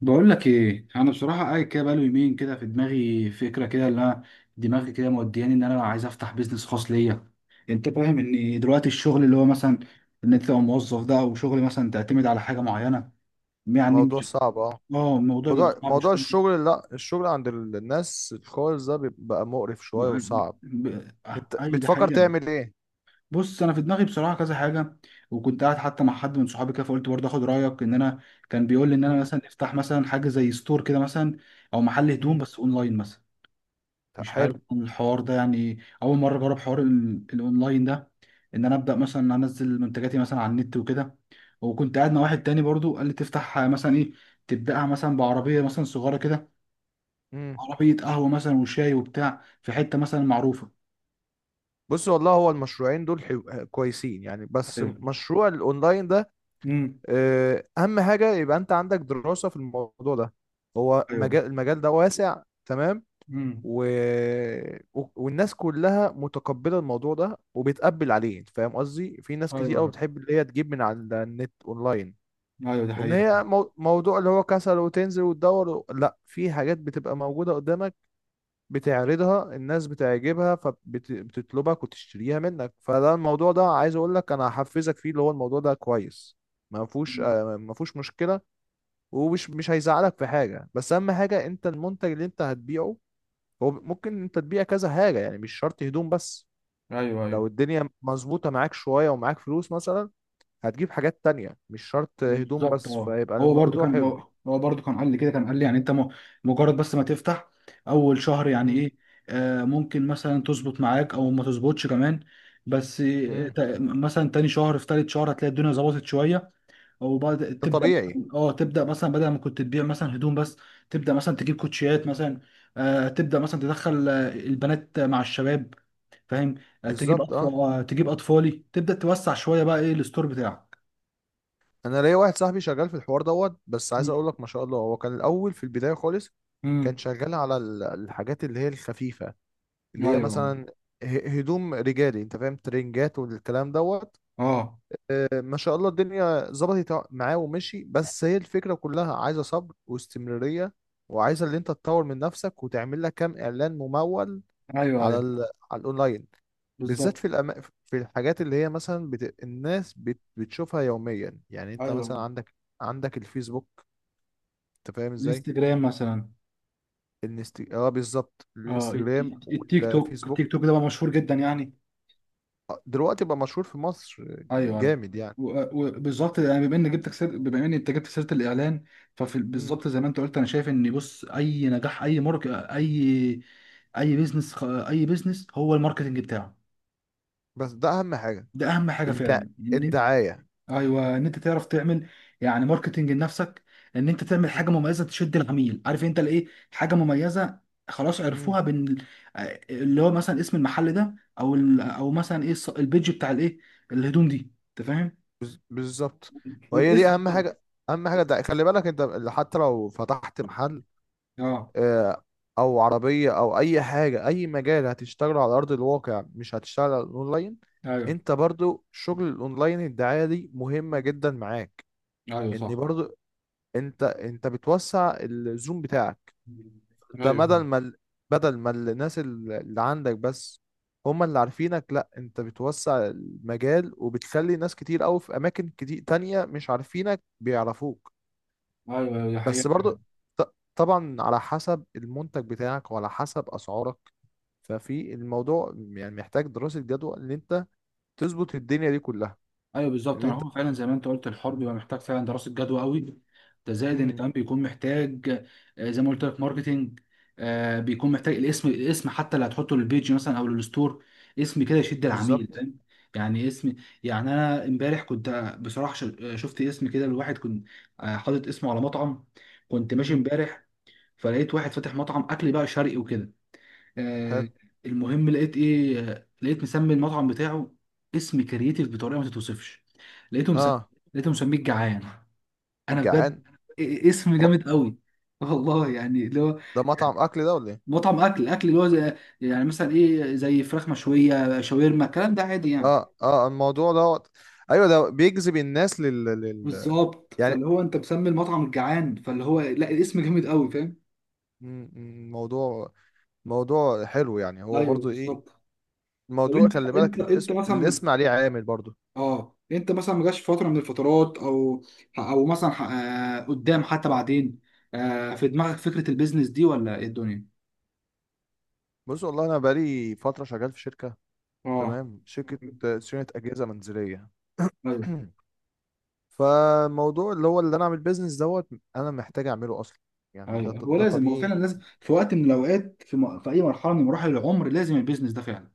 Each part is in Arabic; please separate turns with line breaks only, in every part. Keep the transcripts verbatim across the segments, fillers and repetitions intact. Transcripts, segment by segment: بقول لك ايه، انا بصراحه قاعد كده بقاله يومين كده في دماغي فكره كده، اللي انا دماغي كده مودياني ان انا عايز افتح بيزنس خاص ليا. انت فاهم ان دلوقتي الشغل اللي هو مثلا ان انت تبقى موظف ده، او شغل مثلا تعتمد على حاجه معينه، يعني
موضوع
مش.
صعب، اه.
اه، الموضوع بيبقى
موضوع
صعب
موضوع
شويه.
الشغل، لا، الشغل عند ال- الناس الخالص ده بيبقى مقرف شوية
بيبقى-
وصعب.
ب- آه،
انت
ايوه ده
بتفكر
حقيقه.
تعمل ايه؟
بص انا في دماغي بصراحه كذا حاجه. وكنت قاعد حتى مع حد من صحابي كده، فقلت برضه اخد رايك ان انا كان بيقول لي ان انا
امم.
مثلا افتح مثلا حاجه زي ستور كده مثلا، او محل هدوم
امم.
بس اونلاين مثلا. مش عارف
حلو.
عن الحوار ده، يعني اول مره اجرب حوار ال- الاونلاين ده، ان انا ابدا مثلا انزل منتجاتي مثلا على النت وكده. وكنت قاعد مع واحد تاني برضو قال لي تفتح مثلا ايه، تبداها مثلا بعربيه مثلا صغيره كده،
امم.
عربيه قهوه مثلا وشاي وبتاع في حته مثلا معروفه.
بص والله هو المشروعين دول حلو، كويسين يعني، بس
ايوه.
مشروع الاونلاين ده
امم.
آه، اهم حاجة يبقى انت عندك دراسة في الموضوع ده. هو
ايوه.
مجال المجال ده واسع تمام.
امم.
و... و- والناس كلها متقبلة الموضوع ده وبتقبل عليه، انت فاهم قصدي؟ في ناس كتير قوي
ايوه.
بتحب اللي هي تجيب من على النت اونلاين.
ايوه دي
ان
حقيقه.
هي مو- موضوع اللي هو كسل وتنزل وتدور و... لا، في حاجات بتبقى موجودة قدامك، بتعرضها الناس بتعجبها فبتطلبك وتشتريها منك. فده الموضوع ده عايز اقول لك انا هحفزك فيه، اللي هو الموضوع ده كويس، ما فيهوش،
مم.
آه، ما فيهوش مشكلة. ومش مش هيزعلك في حاجة، بس اهم حاجة انت المنتج اللي انت هتبيعه. هو ممكن انت تبيع كذا حاجة يعني، مش شرط هدوم بس.
ايوه. ايوه
لو الدنيا مظبوطة معاك شوية ومعاك فلوس مثلا، هتجيب حاجات تانية مش شرط هدوم
بالظبط.
بس،
اه،
فيبقى
هو برضو
الموضوع
كان
حلو.
هو هو برضو كان قال لي كده، كان قال لي يعني انت م- مجرد بس ما تفتح اول شهر، يعني ايه، آه ممكن مثلا تظبط معاك او ما تظبطش كمان. بس آه،
مم.
تا- مثلا تاني شهر في تالت شهر هتلاقي الدنيا ظبطت شويه، او بعد
ده
تبدا
طبيعي.
مثلاً- اه تبدا مثلا بدل ما كنت تبيع مثلا هدوم بس، تبدا مثلا تجيب كوتشيات مثلا، آه تبدا مثلا تدخل آه، البنات مع الشباب، فاهم، آه تجيب
بالظبط،
اطفال،
اه.
آه تجيب اطفالي، تبدا توسع شويه بقى ايه الستور بتاعك.
انا ليا واحد صاحبي شغال في الحوار دوت، بس عايز
مم.
اقول لك ما شاء الله هو كان الاول في البدايه خالص
مم.
كان شغال على ال- الحاجات اللي هي الخفيفه، اللي
ايوه.
هي
أيوة.
مثلا ه- هدوم رجالي، انت فاهم، ترنجات والكلام دوت.
اه.
آه، ما شاء الله الدنيا ظبطت معاه ومشي، بس هي الفكره كلها عايزه صبر واستمراريه، وعايزه اللي انت تطور من نفسك وتعمل لك كام اعلان ممول
ايوه.
على
ايوه
ال... على الاونلاين، بالذات
بالظبط.
في الأما... في الحاجات اللي هي مثلا بت... الناس بت... بتشوفها يوميا. يعني انت
ايوه.
مثلا عندك، عندك الفيسبوك، انت فاهم ازاي؟
الانستجرام مثلا.
الانست... اه بالظبط
اه الت-
الانستجرام
الت- التيك توك،
والفيسبوك.
التيك توك ده بقى مشهور جدا يعني.
آه، دلوقتي بقى مشهور في مصر، يعني
ايوه ايوه.
جامد يعني.
و- وبالظبط يعني بما ان جبتك سير... بما ان انت جبت سيره الاعلان،
مم.
فبالظبط زي ما انت قلت انا شايف ان بص، اي نجاح، اي مارك اي اي بيزنس اي بيزنس هو الماركتنج بتاعه.
بس ده اهم حاجة،
ده اهم حاجه
الد...
فعلا.
الدعاية.
ايوه، ان انت تعرف تعمل يعني ماركتنج لنفسك، ان انت تعمل
مم.
حاجه مميزه تشد العميل، عارف انت الايه، حاجه مميزه، خلاص
مم.
عرفوها بين. آه، اللي هو مثلا اسم المحل ده، او ال... او مثلا ايه الص- البيج بتاع الايه، الهدوم دي، انت فاهم.
بالظبط، وهي دي
والاسم
اهم
برضه.
حاجة. اهم حاجة الدعاية، خلي بالك انت حتى لو فتحت محل،
اه.
آه، او عربيه او اي حاجه، اي مجال هتشتغله على ارض الواقع مش هتشتغل على الاونلاين،
ايوه.
انت برضو شغل الاونلاين الدعايه دي مهمه جدا معاك.
ايوه
ان
صح.
برضو انت، انت بتوسع الزوم بتاعك، انت بدل
ايوه
ما ال- بدل ما الناس ال- اللي عندك بس هما اللي عارفينك، لا، انت بتوسع المجال وبتخلي ناس كتير قوي في اماكن كتير تانية مش عارفينك بيعرفوك.
ايوه دي
بس
حقيقة.
برضو ط- طبعا على حسب المنتج بتاعك وعلى حسب اسعارك. ففي الموضوع يعني محتاج دراسة جدوى ان انت تظبط الدنيا دي كلها.
ايوه بالظبط،
ان
ما
انت.
هو فعلا زي ما انت قلت الحوار بيبقى محتاج فعلا دراسه جدوى قوي. ده زائد ان
امم.
كمان بيكون محتاج آه، زي ما قلت لك ماركتينج، آه، بيكون محتاج الاسم، الاسم حتى اللي هتحطه للبيج مثلا او للستور، اسم كده يشد العميل،
بالظبط.
فاهم، يعني اسم. يعني انا امبارح كنت آه، بصراحه ش- آه، شفت اسم كده لواحد، كنت آه، حاطط اسمه على مطعم. كنت ماشي
امم.
امبارح فلقيت واحد فاتح مطعم اكل بقى شرقي وكده،
حلو.
آه. المهم لقيت ايه، آه، لقيت مسمي المطعم بتاعه اسم كرييتيف بطريقه ما تتوصفش. لقيته مسمي،
اه.
لقيته مسميه الجعان. انا بجد
الجعان.
إيه- إيه اسم
هو
جامد قوي. والله يعني اللي هو
ده مطعم اكل ده ولا ايه؟
مطعم اكل، اكل اللي هو زي يعني مثلا ايه زي فراخ مشويه شاورما الكلام ده عادي يعني.
اه اه، الموضوع دوت. ايوه ده بيجذب الناس لل, لل...
بالظبط،
يعني
فاللي هو انت مسمي المطعم الجعان، فاللي هو لا الاسم جامد قوي، فاهم.
مم، مم، موضوع، موضوع حلو يعني، هو
ايوه
برضو ايه
بالظبط. طب
الموضوع؟
انت
خلي
انت
بالك
انت
الاسم،
مثلا،
الاسم عليه عامل برضو.
اه انت مثلا ما جاش في فتره من الفترات، او او مثلا ح- آه، قدام حتى بعدين آه، في دماغك فكره البيزنس دي ولا ايه الدنيا.
بص والله انا بقالي فترة شغال في شركة،
اه.
تمام، شركة آه، صيانة اجهزة منزلية.
ايوه
فموضوع اللي هو اللي انا اعمل بيزنس دوت انا محتاج اعمله اصلا، يعني ده
ايوه.
ط-
هو
ده
لازم، هو فعلا
طبيعي.
لازم في وقت من الاوقات في, م... في اي مرحله من مراحل العمر لازم البيزنس ده فعلا.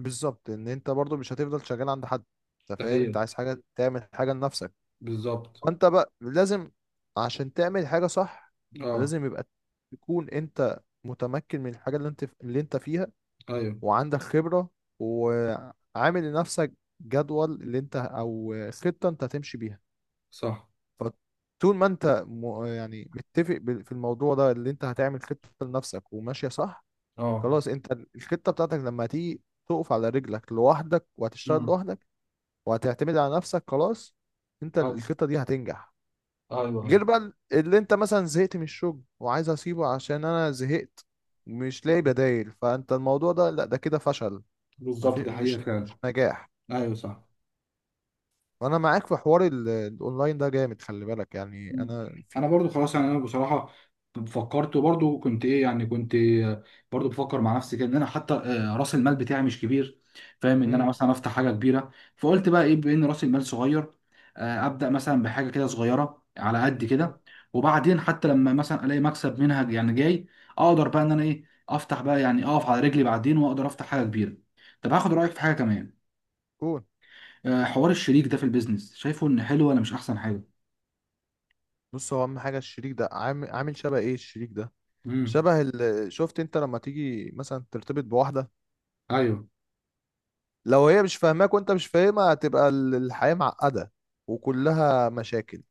بالظبط، ان انت برضو مش هتفضل شغال عند حد، انت
ده
فاهم، انت
حقيقي.
عايز حاجه، تعمل حاجه لنفسك.
بالظبط.
فانت بقى لازم عشان تعمل حاجه صح،
اه.
لازم يبقى تكون انت متمكن من الحاجه اللي انت اللي انت فيها،
ايوه
وعندك خبره، وعامل لنفسك جدول اللي انت، او خطه انت هتمشي بيها.
صح.
فطول ما انت م- يعني متفق بال- في الموضوع ده، اللي انت هتعمل خطة لنفسك وماشية صح،
اه.
خلاص انت ال- الخطة بتاعتك لما تيجي تقف على رجلك لوحدك وهتشتغل
امم.
لوحدك وهتعتمد على نفسك، خلاص انت
ايوه
الخطة دي هتنجح.
ايوه. ايوه
غير بقى ال- اللي انت مثلا زهقت من الشغل وعايز اسيبه عشان انا زهقت مش لاقي بدايل، فانت الموضوع ده لا، ده كده فشل، ما
بالظبط
في،
دي حقيقه
مش
فعلا.
مش نجاح.
ايوه صح.
وانا معاك في حوار ال- الاونلاين ده، جامد، خلي بالك يعني،
مم.
انا في.
انا برضو خلاص يعني، انا بصراحه فكرت، وبرضو كنت ايه يعني، كنت آه، برضو بفكر مع نفسي كده ان انا حتى آه، راس المال بتاعي مش كبير، فاهم، ان انا
امم.
مثلا افتح حاجه كبيره. فقلت بقى ايه، بان راس المال صغير آه، ابدا مثلا بحاجه كده صغيره على قد كده، وبعدين حتى لما مثلا الاقي مكسب منها يعني جاي، اقدر بقى ان انا ايه افتح بقى، يعني اقف على رجلي بعدين واقدر افتح حاجه كبيره. طب هاخد رايك في حاجه كمان،
قول.
آه، حوار الشريك ده في البيزنس شايفه ان حلو ولا مش احسن حاجه.
بص، هو اهم حاجه الشريك ده، عامل، عامل شبه ايه الشريك ده؟
امم.
شبه ال... شفت انت لما تيجي مثلا ترتبط بواحده،
ايوه
لو هي مش فاهماك وانت مش فاهمها، هتبقى ال- الحياه معقده وكلها مشاكل.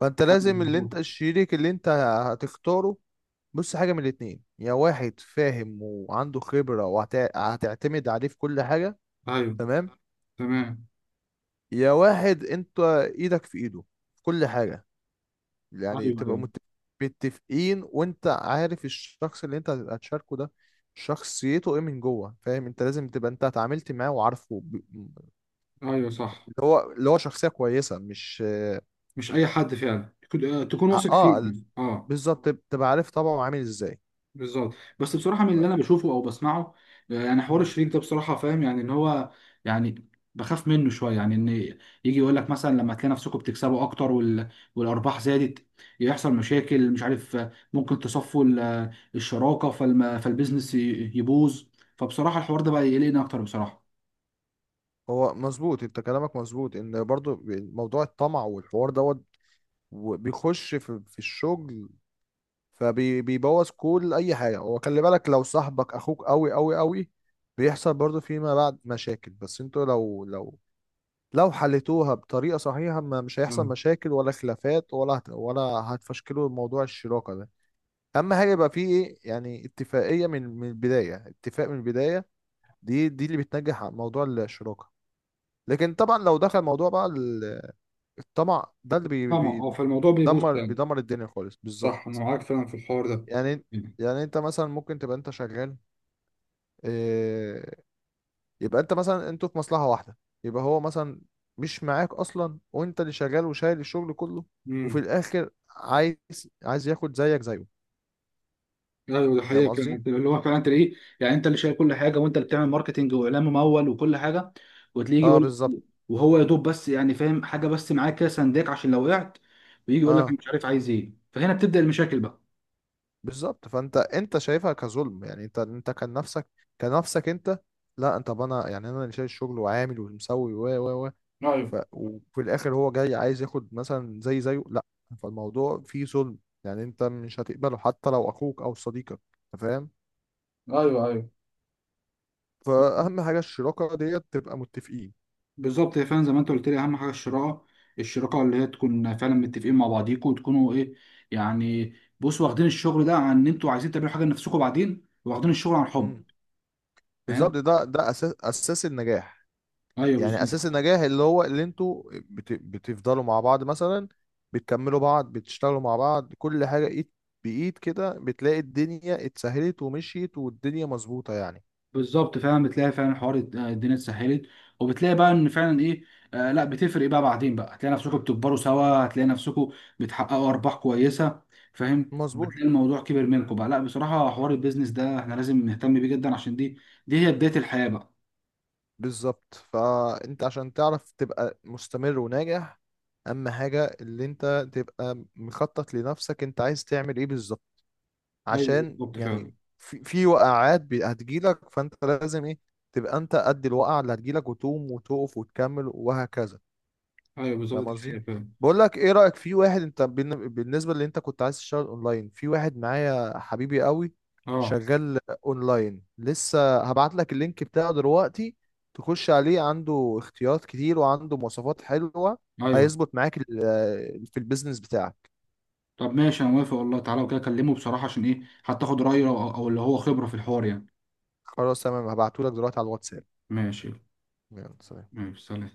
فانت لازم اللي انت
بالظبط.
الشريك اللي انت هتختاره، بص، حاجه من الاتنين: يا واحد فاهم وعنده خبره وهتعتمد عليه في كل حاجه،
ايوه.
تمام،
تمام.
يا واحد انت ايدك في ايده في كل حاجه، يعني
ايوه
تبقى
ايوه.
مت- متفقين، وانت عارف الشخص اللي انت هتبقى تشاركه ده شخصيته ايه من جوه، فاهم؟ انت لازم تبقى انت اتعاملت معاه وعارفه ب-
ايوه صح.
اللي هو اللي هو شخصية كويسة، مش.
مش اي حد، فعلا تكون آه، تكون واثق فيه
اه
يعني. اه.
بالظبط، تبقى عارف طبعه عامل ازاي.
بالظبط. بس بصراحه من اللي انا بشوفه او بسمعه آه، يعني حوار
مم.
الشريك ده بصراحه فاهم يعني، ان هو يعني بخاف منه شويه، يعني ان يجي يقول لك مثلا لما تلاقي نفسكم بتكسبوا اكتر وال... والارباح زادت، يحصل مشاكل مش عارف آه، ممكن تصفوا ال- آه، الشراكه، فالم... فالبيزنس ي- يبوظ. فبصراحه الحوار ده بقى يقلقني اكتر بصراحه.
هو مظبوط، انت كلامك مظبوط، ان برضو موضوع الطمع والحوار دوت وبيخش في في الشغل فبيبوظ كل اي حاجه. وخلي بالك لو صاحبك اخوك قوي قوي قوي، بيحصل برضو فيما بعد مشاكل، بس انتوا لو لو لو حلتوها بطريقه صحيحه ما مش هيحصل
مم.
مشاكل ولا خلافات، ولا هت، ولا هتفشكلوا موضوع الشراكه ده. اهم حاجه يبقى فيه ايه، يعني اتفاقيه من من البدايه، اتفاق من البدايه، دي، دي اللي بتنجح على موضوع الشراكه. لكن طبعا لو دخل موضوع بقى ال- الطمع ده اللي بي-
طبعا اه، فالموضوع بيبوظ.
بيدمر، بيدمر الدنيا خالص،
صح انا
بالظبط.
معاك فعلا في الحوار ده.
يعني، يعني انت مثلا ممكن تبقى انت شغال، إيه، يبقى انت مثلا انتوا في مصلحة واحدة، يبقى هو مثلا مش معاك اصلا وانت اللي شغال وشايل الشغل كله، وفي
امم.
الاخر عايز، عايز ياخد زيك زيه،
ايوه ده
فاهم
حقيقه فعلا،
قصدي؟
أنت- اللي هو فعلا انت ايه، يعني انت اللي شايل كل حاجه، وانت اللي بتعمل ماركتنج واعلان ممول وكل حاجه، وتلاقيه
اه
يقول،
بالظبط.
وهو يا دوب بس يعني فاهم حاجه، بس معاه كده سنداك عشان لو وقعت، ويجي يقول لك
اه
أنا مش عارف عايز ايه، فهنا بتبدا المشاكل بقى.
بالظبط، فانت، انت شايفها كظلم، يعني انت، انت كان نفسك كنفسك انت، لا، انت طب انا، يعني انا اللي شايل الشغل وعامل ومسوي و و و،
ايوه
ف وفي الاخر هو جاي عايز ياخد مثلا زي زيه، لا، فالموضوع فيه ظلم. يعني انت مش هتقبله حتى لو اخوك او صديقك، أنت فاهم؟
ايوه. ايوه
فأهم حاجة الشراكة ديت تبقى متفقين.
بالظبط، هي فعلا زي ما انت قلت لي اهم حاجه الشراكه، الشراكه اللي هي تكون فعلا متفقين مع بعضيكوا، وتكونوا ايه يعني، بصوا واخدين الشغل ده عن ان انتوا عايزين تعملوا حاجه لنفسكم بعدين، واخدين الشغل عن حب،
مم. بالظبط،
فاهم.
ده ده أساس أساس النجاح،
ايوه
يعني
بالظ-
أساس النجاح اللي هو اللي انتوا بت... بتفضلوا مع بعض مثلا، بتكملوا بعض، بتشتغلوا مع بعض كل حاجة، إيد بإيد كده، بتلاقي الدنيا اتسهلت ومشيت والدنيا مظبوطة يعني.
بالظبط، فعلا بتلاقي فعلا حوار الد- الدنيا اتسهلت، وبتلاقي بقى ان فعلا ايه، آه لا بتفرق بقى بعدين بقى، هتلاقي نفسكم بتكبروا سوا، هتلاقي نفسكم بتحققوا ارباح كويسه، فاهم،
مظبوط.
بتلاقي الموضوع كبر منكم بقى، لا بصراحه حوار البيزنس ده احنا لازم نهتم بيه جدا عشان دي دي هي بدايه الحياه بقى.
بالظبط، فأنت عشان تعرف تبقى مستمر وناجح أهم حاجة اللي انت تبقى مخطط لنفسك، انت عايز تعمل ايه بالظبط،
ايوه
عشان
بالظبط فعلا.
يعني في، في وقعات بي- هتجيلك، فانت لازم ايه، تبقى انت قد الوقعه اللي هتجيلك وتقوم وتقف وتكمل وهكذا،
ايوه بالظبط
فاهم
دي الحياه
قصدي؟
فعلا.
بقول لك ايه، رايك في واحد، انت بالن- بالنسبه اللي انت كنت عايز تشتغل اونلاين، في واحد معايا حبيبي قوي
اه.
شغال اونلاين، لسه هبعت لك اللينك بتاعه دلوقتي، تخش عليه، عنده اختيارات كتير وعنده مواصفات حلوه،
ايوه.
هيظبط معاك ال- في البيزنس بتاعك.
طب ماشي انا موافق والله تعالى وكده اكلمه بصراحه عشان ايه، حتى اخد رايه او أو اللي هو خبره في الحوار يعني.
خلاص تمام، هبعته لك دلوقتي على الواتساب.
ماشي.
يلا سلام.
ماشي سلام.